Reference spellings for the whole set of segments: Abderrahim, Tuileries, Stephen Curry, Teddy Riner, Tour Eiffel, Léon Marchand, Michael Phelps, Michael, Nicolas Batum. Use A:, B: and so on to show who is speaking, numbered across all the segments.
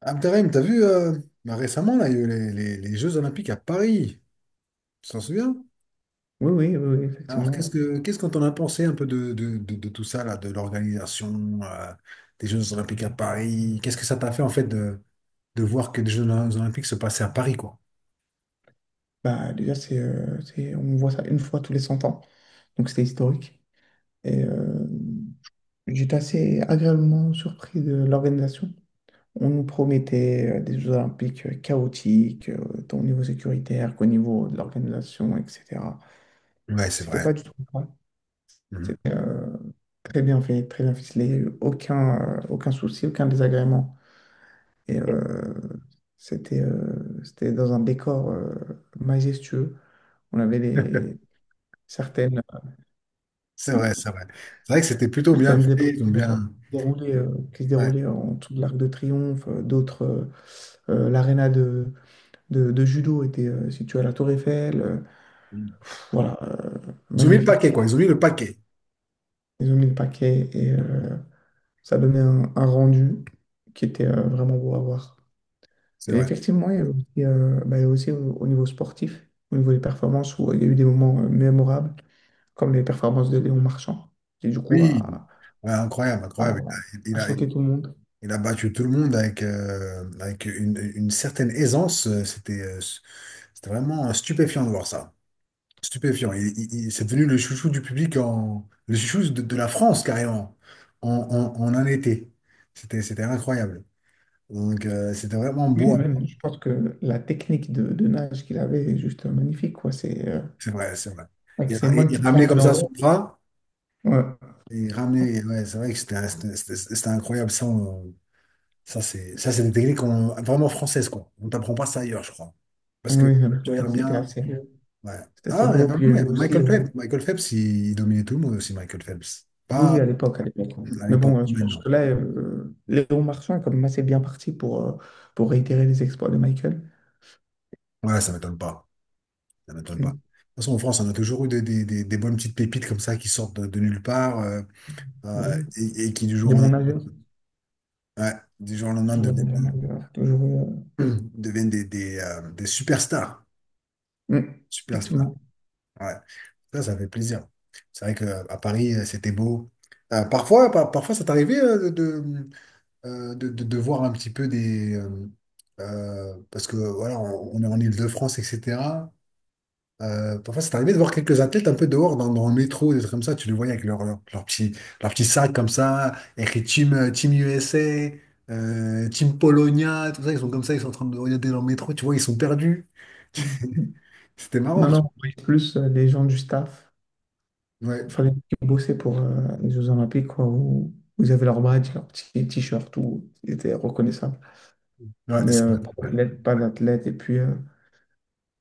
A: Abderrahim, t'as vu récemment là, il y a eu les Jeux Olympiques à Paris, tu t'en souviens?
B: Oui, oui, oui, oui,
A: Alors
B: effectivement.
A: qu'est-ce qu'on t'en a pensé un peu de tout ça là, de l'organisation des Jeux Olympiques à Paris? Qu'est-ce que ça t'a fait en fait de voir que des Jeux Olympiques se passaient à Paris quoi?
B: Bah, déjà, on voit ça une fois tous les 100 ans, donc c'était historique. Et euh, J'étais assez agréablement surpris de l'organisation. On nous promettait des Jeux Olympiques chaotiques, tant au niveau sécuritaire qu'au niveau de l'organisation, etc.
A: Ouais, c'est
B: C'était
A: vrai.
B: pas du tout le cas.
A: Mhm.
B: C'était très bien fait, très bien ficelé, aucun souci, aucun désagrément. Et euh, c'était dans un décor majestueux. On avait les, certaines,
A: C'est vrai, c'est vrai. C'est vrai que c'était plutôt bien fait.
B: certaines épreuves
A: Ils ont bien.
B: déroulées, qui se
A: Ouais.
B: déroulaient en dessous de l'Arc de Triomphe, d'autres, l'aréna de judo était située à la Tour Eiffel. Voilà,
A: Ils ont mis le paquet,
B: magnifique.
A: quoi. Ils ont mis le paquet.
B: Ils ont mis le paquet, et ça donnait un rendu qui était vraiment beau à voir.
A: C'est
B: Et
A: vrai.
B: effectivement, il y a aussi, bah, il y a aussi au niveau sportif, au niveau des performances, où il y a eu des moments mémorables, comme les performances de Léon Marchand, qui du coup
A: Oui. Ouais, incroyable, incroyable.
B: a,
A: Il
B: a
A: a,
B: choqué tout le monde.
A: Il a battu tout le monde avec, avec une certaine aisance. C'était vraiment stupéfiant de voir ça. Stupéfiant. C'est devenu le chouchou du public, en, le chouchou de la France carrément, en un été. C'était incroyable. Donc c'était vraiment
B: Oui,
A: beau
B: mais
A: à voir.
B: même, je pense que la technique de nage qu'il avait est juste magnifique, quoi. C'est
A: C'est vrai, c'est vrai.
B: avec ses mains
A: Il
B: qui
A: ramenait
B: tapent
A: comme
B: dans
A: ça son
B: l'eau.
A: bras.
B: Ouais.
A: Il ramenait, ouais, c'est vrai que c'était incroyable. Ça, c'est des techniques vraiment françaises, quoi. On t'apprend pas ça ailleurs, je crois. Parce que
B: Oui,
A: tu
B: ok,
A: regardes
B: c'était
A: bien.
B: assez beau.
A: Ouais.
B: C'était assez
A: Ah,
B: beau. Puis il y
A: il
B: a
A: y
B: eu
A: avait
B: aussi.
A: Michael Phelps. Michael Phelps, il dominait tout le monde aussi, Michael Phelps.
B: Oui,
A: Pas
B: oui, à l'époque, à l'époque. Ouais.
A: à
B: Mais
A: l'époque,
B: bon, je
A: mais
B: pense
A: non.
B: que là, Léon Marchand est quand même assez bien parti pour réitérer les exploits de Michael.
A: Ouais, ça m'étonne pas. Ça m'étonne pas.
B: Mm.
A: De toute façon, en France, on a toujours eu des bonnes petites pépites comme ça qui sortent de nulle part
B: Des,
A: et qui,
B: des bons nageurs.
A: ouais, du jour au lendemain,
B: Toujours des
A: deviennent,
B: bons nageurs. Toujours.
A: deviennent des superstars.
B: Mm.
A: Superstars.
B: Effectivement.
A: Ouais. Ça fait plaisir. C'est vrai qu'à Paris, c'était beau. Parfois, parfois, ça t'arrivait de, de voir un petit peu des. Parce que voilà, on est en Île-de-France, etc. Parfois, c'est arrivé de voir quelques athlètes un peu dehors dans, dans le métro, des trucs comme ça. Tu les voyais avec leur petit sac comme ça, écrit Team, Team USA, Team Polonia, tout ça. Ils sont comme ça, ils sont en train de regarder dans le métro, tu vois, ils sont perdus. C'était marrant.
B: Non, non, on est plus les gens du staff.
A: Ouais,
B: Il fallait bosser pour les Jeux Olympiques, quoi, où vous avez leur badge, leur petit t-shirt, tout était reconnaissable.
A: ouais,
B: Mais pas
A: ouais.
B: d'athlète, pas d'athlète. Et puis, euh,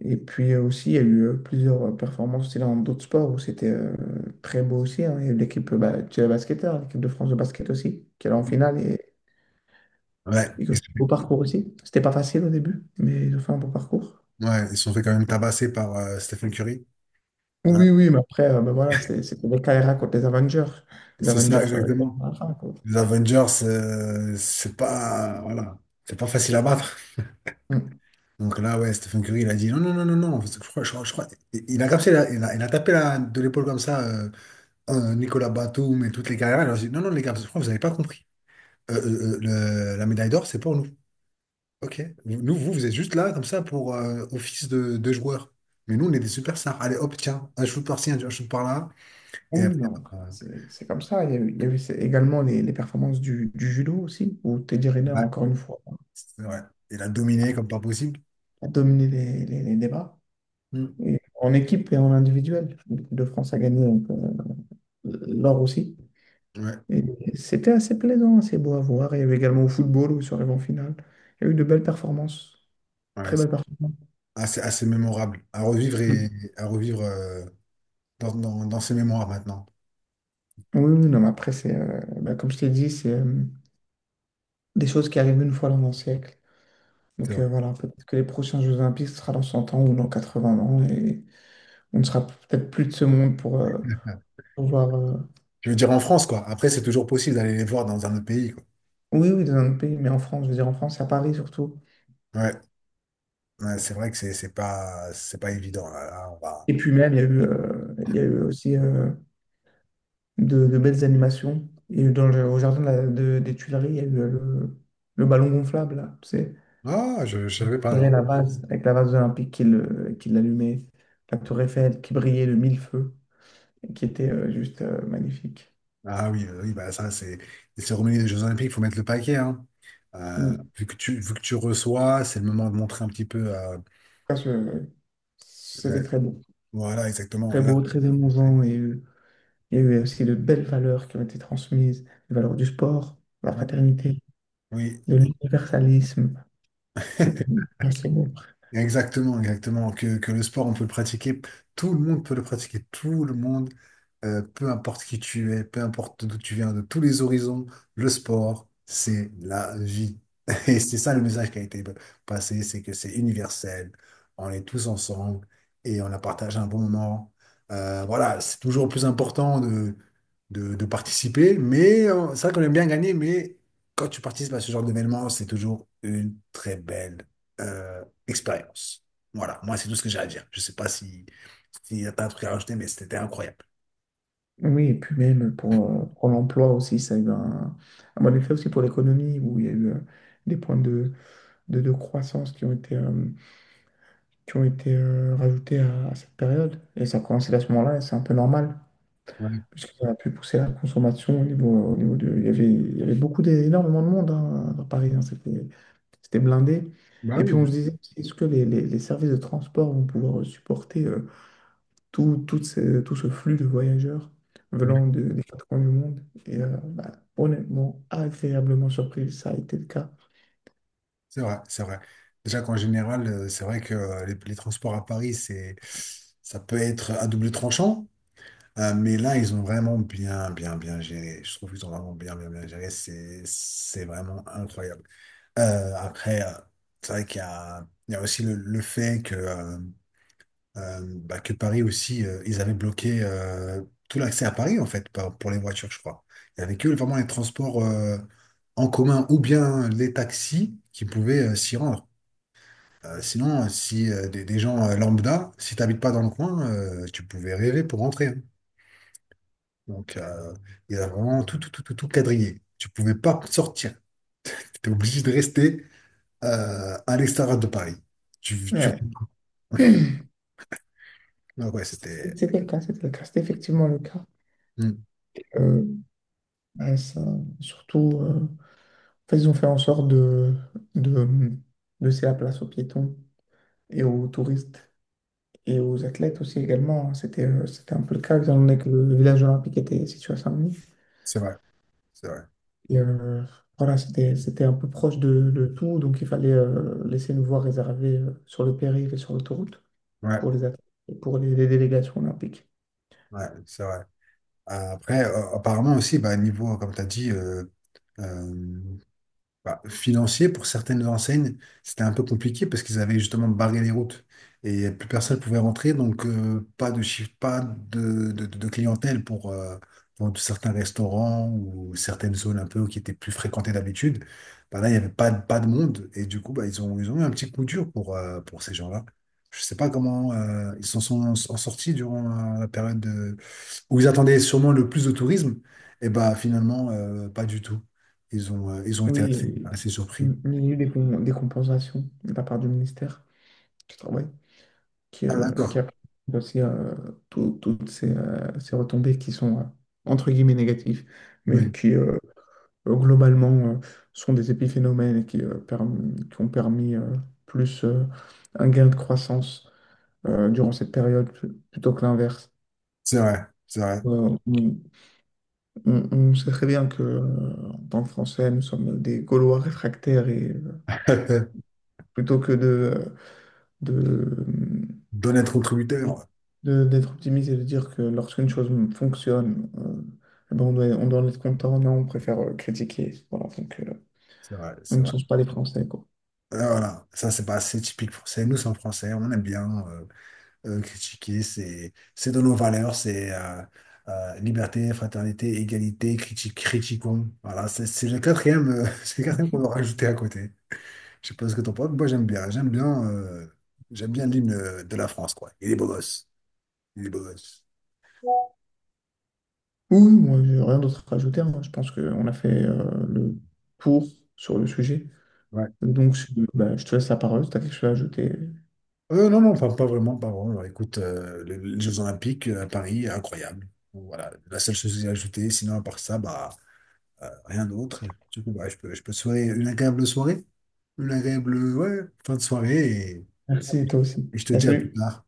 B: et puis euh, aussi, il y a eu plusieurs performances aussi dans d'autres sports où c'était très beau aussi. Hein. Il y a eu l'équipe, bah, tu sais, basketteur, l'équipe de France de basket aussi, qui est en finale et,
A: Ouais,
B: et qui a
A: ils
B: fait
A: se
B: un beau parcours aussi. C'était pas facile au début, mais ils ont fait un beau parcours.
A: ouais, ils se sont fait quand même tabasser par Stephen Curry.
B: Oui,
A: Hein.
B: oui, oui, mais après, voilà, c'était les KRA contre les Avengers. Les
A: C'est
B: Avengers
A: ça, exactement.
B: à la fin, quoi.
A: Les Avengers, c'est pas, voilà, c'est pas facile à battre.
B: Mm.
A: Donc là, ouais, Stephen Curry, il a dit non, non, non, non, non. Parce que il a capté, il a tapé la, de l'épaule comme ça, Nicolas Batum et toutes les carrières. Il leur a dit non, non, les gars, je crois que vous avez pas compris. Euh, euh, euh, la médaille d'or, c'est pour nous. Ok. Nous, vous êtes juste là, comme ça, pour office de joueur. Mais nous, on est des superstars. Allez, hop, tiens, un shoot par-ci, un shoot par-là.
B: Oui,
A: Et
B: oui,
A: après,
B: non,
A: bah,
B: c'est comme ça. Il y a eu, il y a eu c'est- également les performances du judo aussi, où Teddy Riner,
A: ouais,
B: encore une fois,
A: c'est vrai. Il a dominé comme pas possible.
B: a dominé les débats,
A: Hmm.
B: et en équipe et en individuel. L'équipe de France a gagné donc, l'or aussi.
A: Ouais.
B: Et c'était assez plaisant, assez beau à voir. Il y a eu également au football, où sur en finale, il y a eu de belles performances, très
A: Ouais,
B: belles performances.
A: assez, assez mémorable à revivre et à revivre dans, dans, dans ses mémoires maintenant.
B: Oui, oui, non, mais après, comme je t'ai dit, c'est des choses qui arrivent une fois dans un siècle.
A: C'est
B: Donc
A: vrai.
B: euh, voilà, peut-être que les prochains Jeux Olympiques, ce sera dans 100 ans ou dans 80 ans. Et on ne sera peut-être plus de ce monde pour pouvoir.
A: Je veux dire en France, quoi. Après, c'est toujours possible d'aller les voir dans un autre pays, quoi.
B: Oui, oui, dans un autre pays, mais en France, je veux dire en France, à Paris surtout.
A: Ouais, Ouais, c'est vrai que c'est pas évident. Là, on va...
B: Et puis même, il y a eu aussi de belles animations. Et au jardin des Tuileries, il y a eu le ballon gonflable, là, tu sais.
A: Ah, je savais
B: Il
A: pas,
B: y avait
A: non.
B: la vase, avec la vase olympique qui l'allumait, la Tour Eiffel qui brillait de mille feux, et qui était juste magnifique.
A: Ah oui, oui, bah ça, c'est les cérémonies des Jeux Olympiques, il faut mettre le paquet, hein.
B: Mm.
A: Vu que tu reçois, c'est le moment de montrer un petit peu.
B: Ça, je- C'était
A: Euh,
B: très beau.
A: voilà, exactement.
B: Très
A: Là,
B: beau, très
A: on sait.
B: émouvant, et il y a eu aussi de belles valeurs qui ont été transmises, les valeurs du sport, de la
A: Ouais.
B: fraternité,
A: Oui,
B: de l'universalisme. C'était assez beau.
A: exactement, exactement. Que le sport, on peut le pratiquer, tout le monde peut le pratiquer, tout le monde, peu importe qui tu es, peu importe d'où tu viens, de tous les horizons, le sport, c'est la vie. Et c'est ça le message qui a été passé, c'est que c'est universel, on est tous ensemble et on a partagé un bon moment. Voilà, c'est toujours plus important de participer, mais c'est vrai qu'on aime bien gagner, mais quand tu participes à ce genre d'événement, c'est toujours une très belle euh, expérience. Voilà, moi, c'est tout ce que j'ai à dire. Je sais pas si, si t'as un truc à rajouter, mais c'était incroyable.
B: Oui, et puis même pour l'emploi aussi, ça a eu un bon effet aussi pour l'économie, où il y a eu des points de croissance qui ont été rajoutés à cette période. Et ça a commencé à ce moment-là, et c'est un peu normal.
A: Ouais.
B: Parce qu'ils auraient pu pousser la consommation au niveau de. Il y avait énormément de monde, hein, à Paris. Hein, c'était blindé.
A: Bah
B: Et puis
A: oui,
B: on se
A: oui,
B: disait, est-ce que les services de transport vont pouvoir supporter tout ce flux de voyageurs
A: oui.
B: venant des quatre coins du monde? Bah, honnêtement, agréablement surpris, ça a été le cas.
A: C'est vrai, c'est vrai. Déjà qu'en général, c'est vrai que les transports à Paris, c'est, ça peut être à double tranchant, mais là, ils ont vraiment bien, bien, bien géré. Je trouve qu'ils ont vraiment bien, bien, bien géré. C'est vraiment incroyable. Après, c'est vrai il y a aussi le fait que, bah, que Paris aussi, ils avaient bloqué tout l'accès à Paris, en fait, pour les voitures, je crois. Il n'y avait que vraiment les transports en commun ou bien les taxis qui pouvaient s'y rendre. Sinon, si des gens lambda, si tu pas dans le coin, tu pouvais rêver pour rentrer. Hein. Donc, il y a vraiment tout, tout, tout, tout, tout quadrillé. Tu pouvais pas sortir. Tu étais obligé de rester à l'extérieur de Paris. Tu...
B: Ouais.
A: Ah ouais, c'était...
B: C'était le cas, c'était le cas, c'était effectivement le cas.
A: Hmm,
B: Euh, Bah, ça, surtout. Ils ont fait en sorte de laisser la place aux piétons et aux touristes et aux athlètes aussi également. C'était un peu le cas, étant donné que le village olympique était situé à Saint-Denis.
A: c'est vrai, c'est vrai.
B: Et, euh, voilà, c'était un peu proche de tout, donc il fallait laisser une voie réservée sur le périph' et sur l'autoroute pour
A: Ouais,
B: les athlètes et pour les délégations olympiques.
A: ouais, c'est vrai. Après, apparemment aussi, bah, niveau, comme tu as dit, euh, bah, financier, pour certaines enseignes, c'était un peu compliqué parce qu'ils avaient justement barré les routes et plus personne pouvait rentrer, donc pas de chiffre, pas de, de clientèle pour certains restaurants ou certaines zones un peu qui étaient plus fréquentées d'habitude. Bah là, il n'y avait pas, de- pas de monde et du coup, bah, ils ont eu un petit coup dur pour ces gens-là. Je sais pas comment ils s'en sont en sortis durant la période où ils attendaient sûrement le plus de tourisme, et bah finalement, pas du tout. Ils ont été assez,
B: Oui,
A: assez surpris.
B: il y a eu des compensations de la part du ministère du Travail, qui,
A: Ah
B: euh, qui
A: d'accord,
B: apprend aussi toutes ces retombées qui sont entre guillemets négatives, mais
A: oui,
B: qui globalement euh, sont des épiphénomènes et qui ont permis plus un gain de croissance durant cette période, plutôt que l'inverse.
A: c'est vrai, c'est vrai.
B: Euh, on, on sait très bien que, en tant que Français, nous sommes des Gaulois réfractaires, et plutôt que de,
A: D'en être contributeur,
B: d'être optimiste et de dire que lorsqu'une chose fonctionne, eh ben, on doit en être content, non, on préfère critiquer. Voilà, donc
A: c'est vrai,
B: on
A: c'est
B: ne
A: vrai.
B: change pas les Français, quoi.
A: Ah, voilà, ça c'est pas assez typique français. Nous, c'est en français, on aime bien critiquer, c'est dans nos valeurs, c'est liberté, fraternité, égalité, critiquons. Voilà, c'est le quatrième, c'est le quatrième qu'on va rajouter à côté. Je sais pas ce que t'en penses, mais moi j'aime bien. J'aime bien, j'aime bien l'hymne de la France, quoi. Il est beau gosse. Il est beau gosse.
B: Oui, moi, j'ai rien d'autre à rajouter, hein. Je pense qu'on a fait le tour sur le sujet.
A: Ouais.
B: Donc, bah, je te laisse la parole si tu as quelque chose à ajouter.
A: Non, non, pas, pas vraiment, pas vraiment. Alors, écoute, les Jeux Olympiques à Paris, incroyable. Donc, voilà, la seule chose à ajouter, sinon à part ça, bah, rien d'autre. Du coup, bah, je peux te souhaiter une agréable soirée, une agréable, ouais, fin de soirée, et
B: Merci, et toi aussi.
A: et je te
B: Bah,
A: dis à plus
B: salut.
A: tard.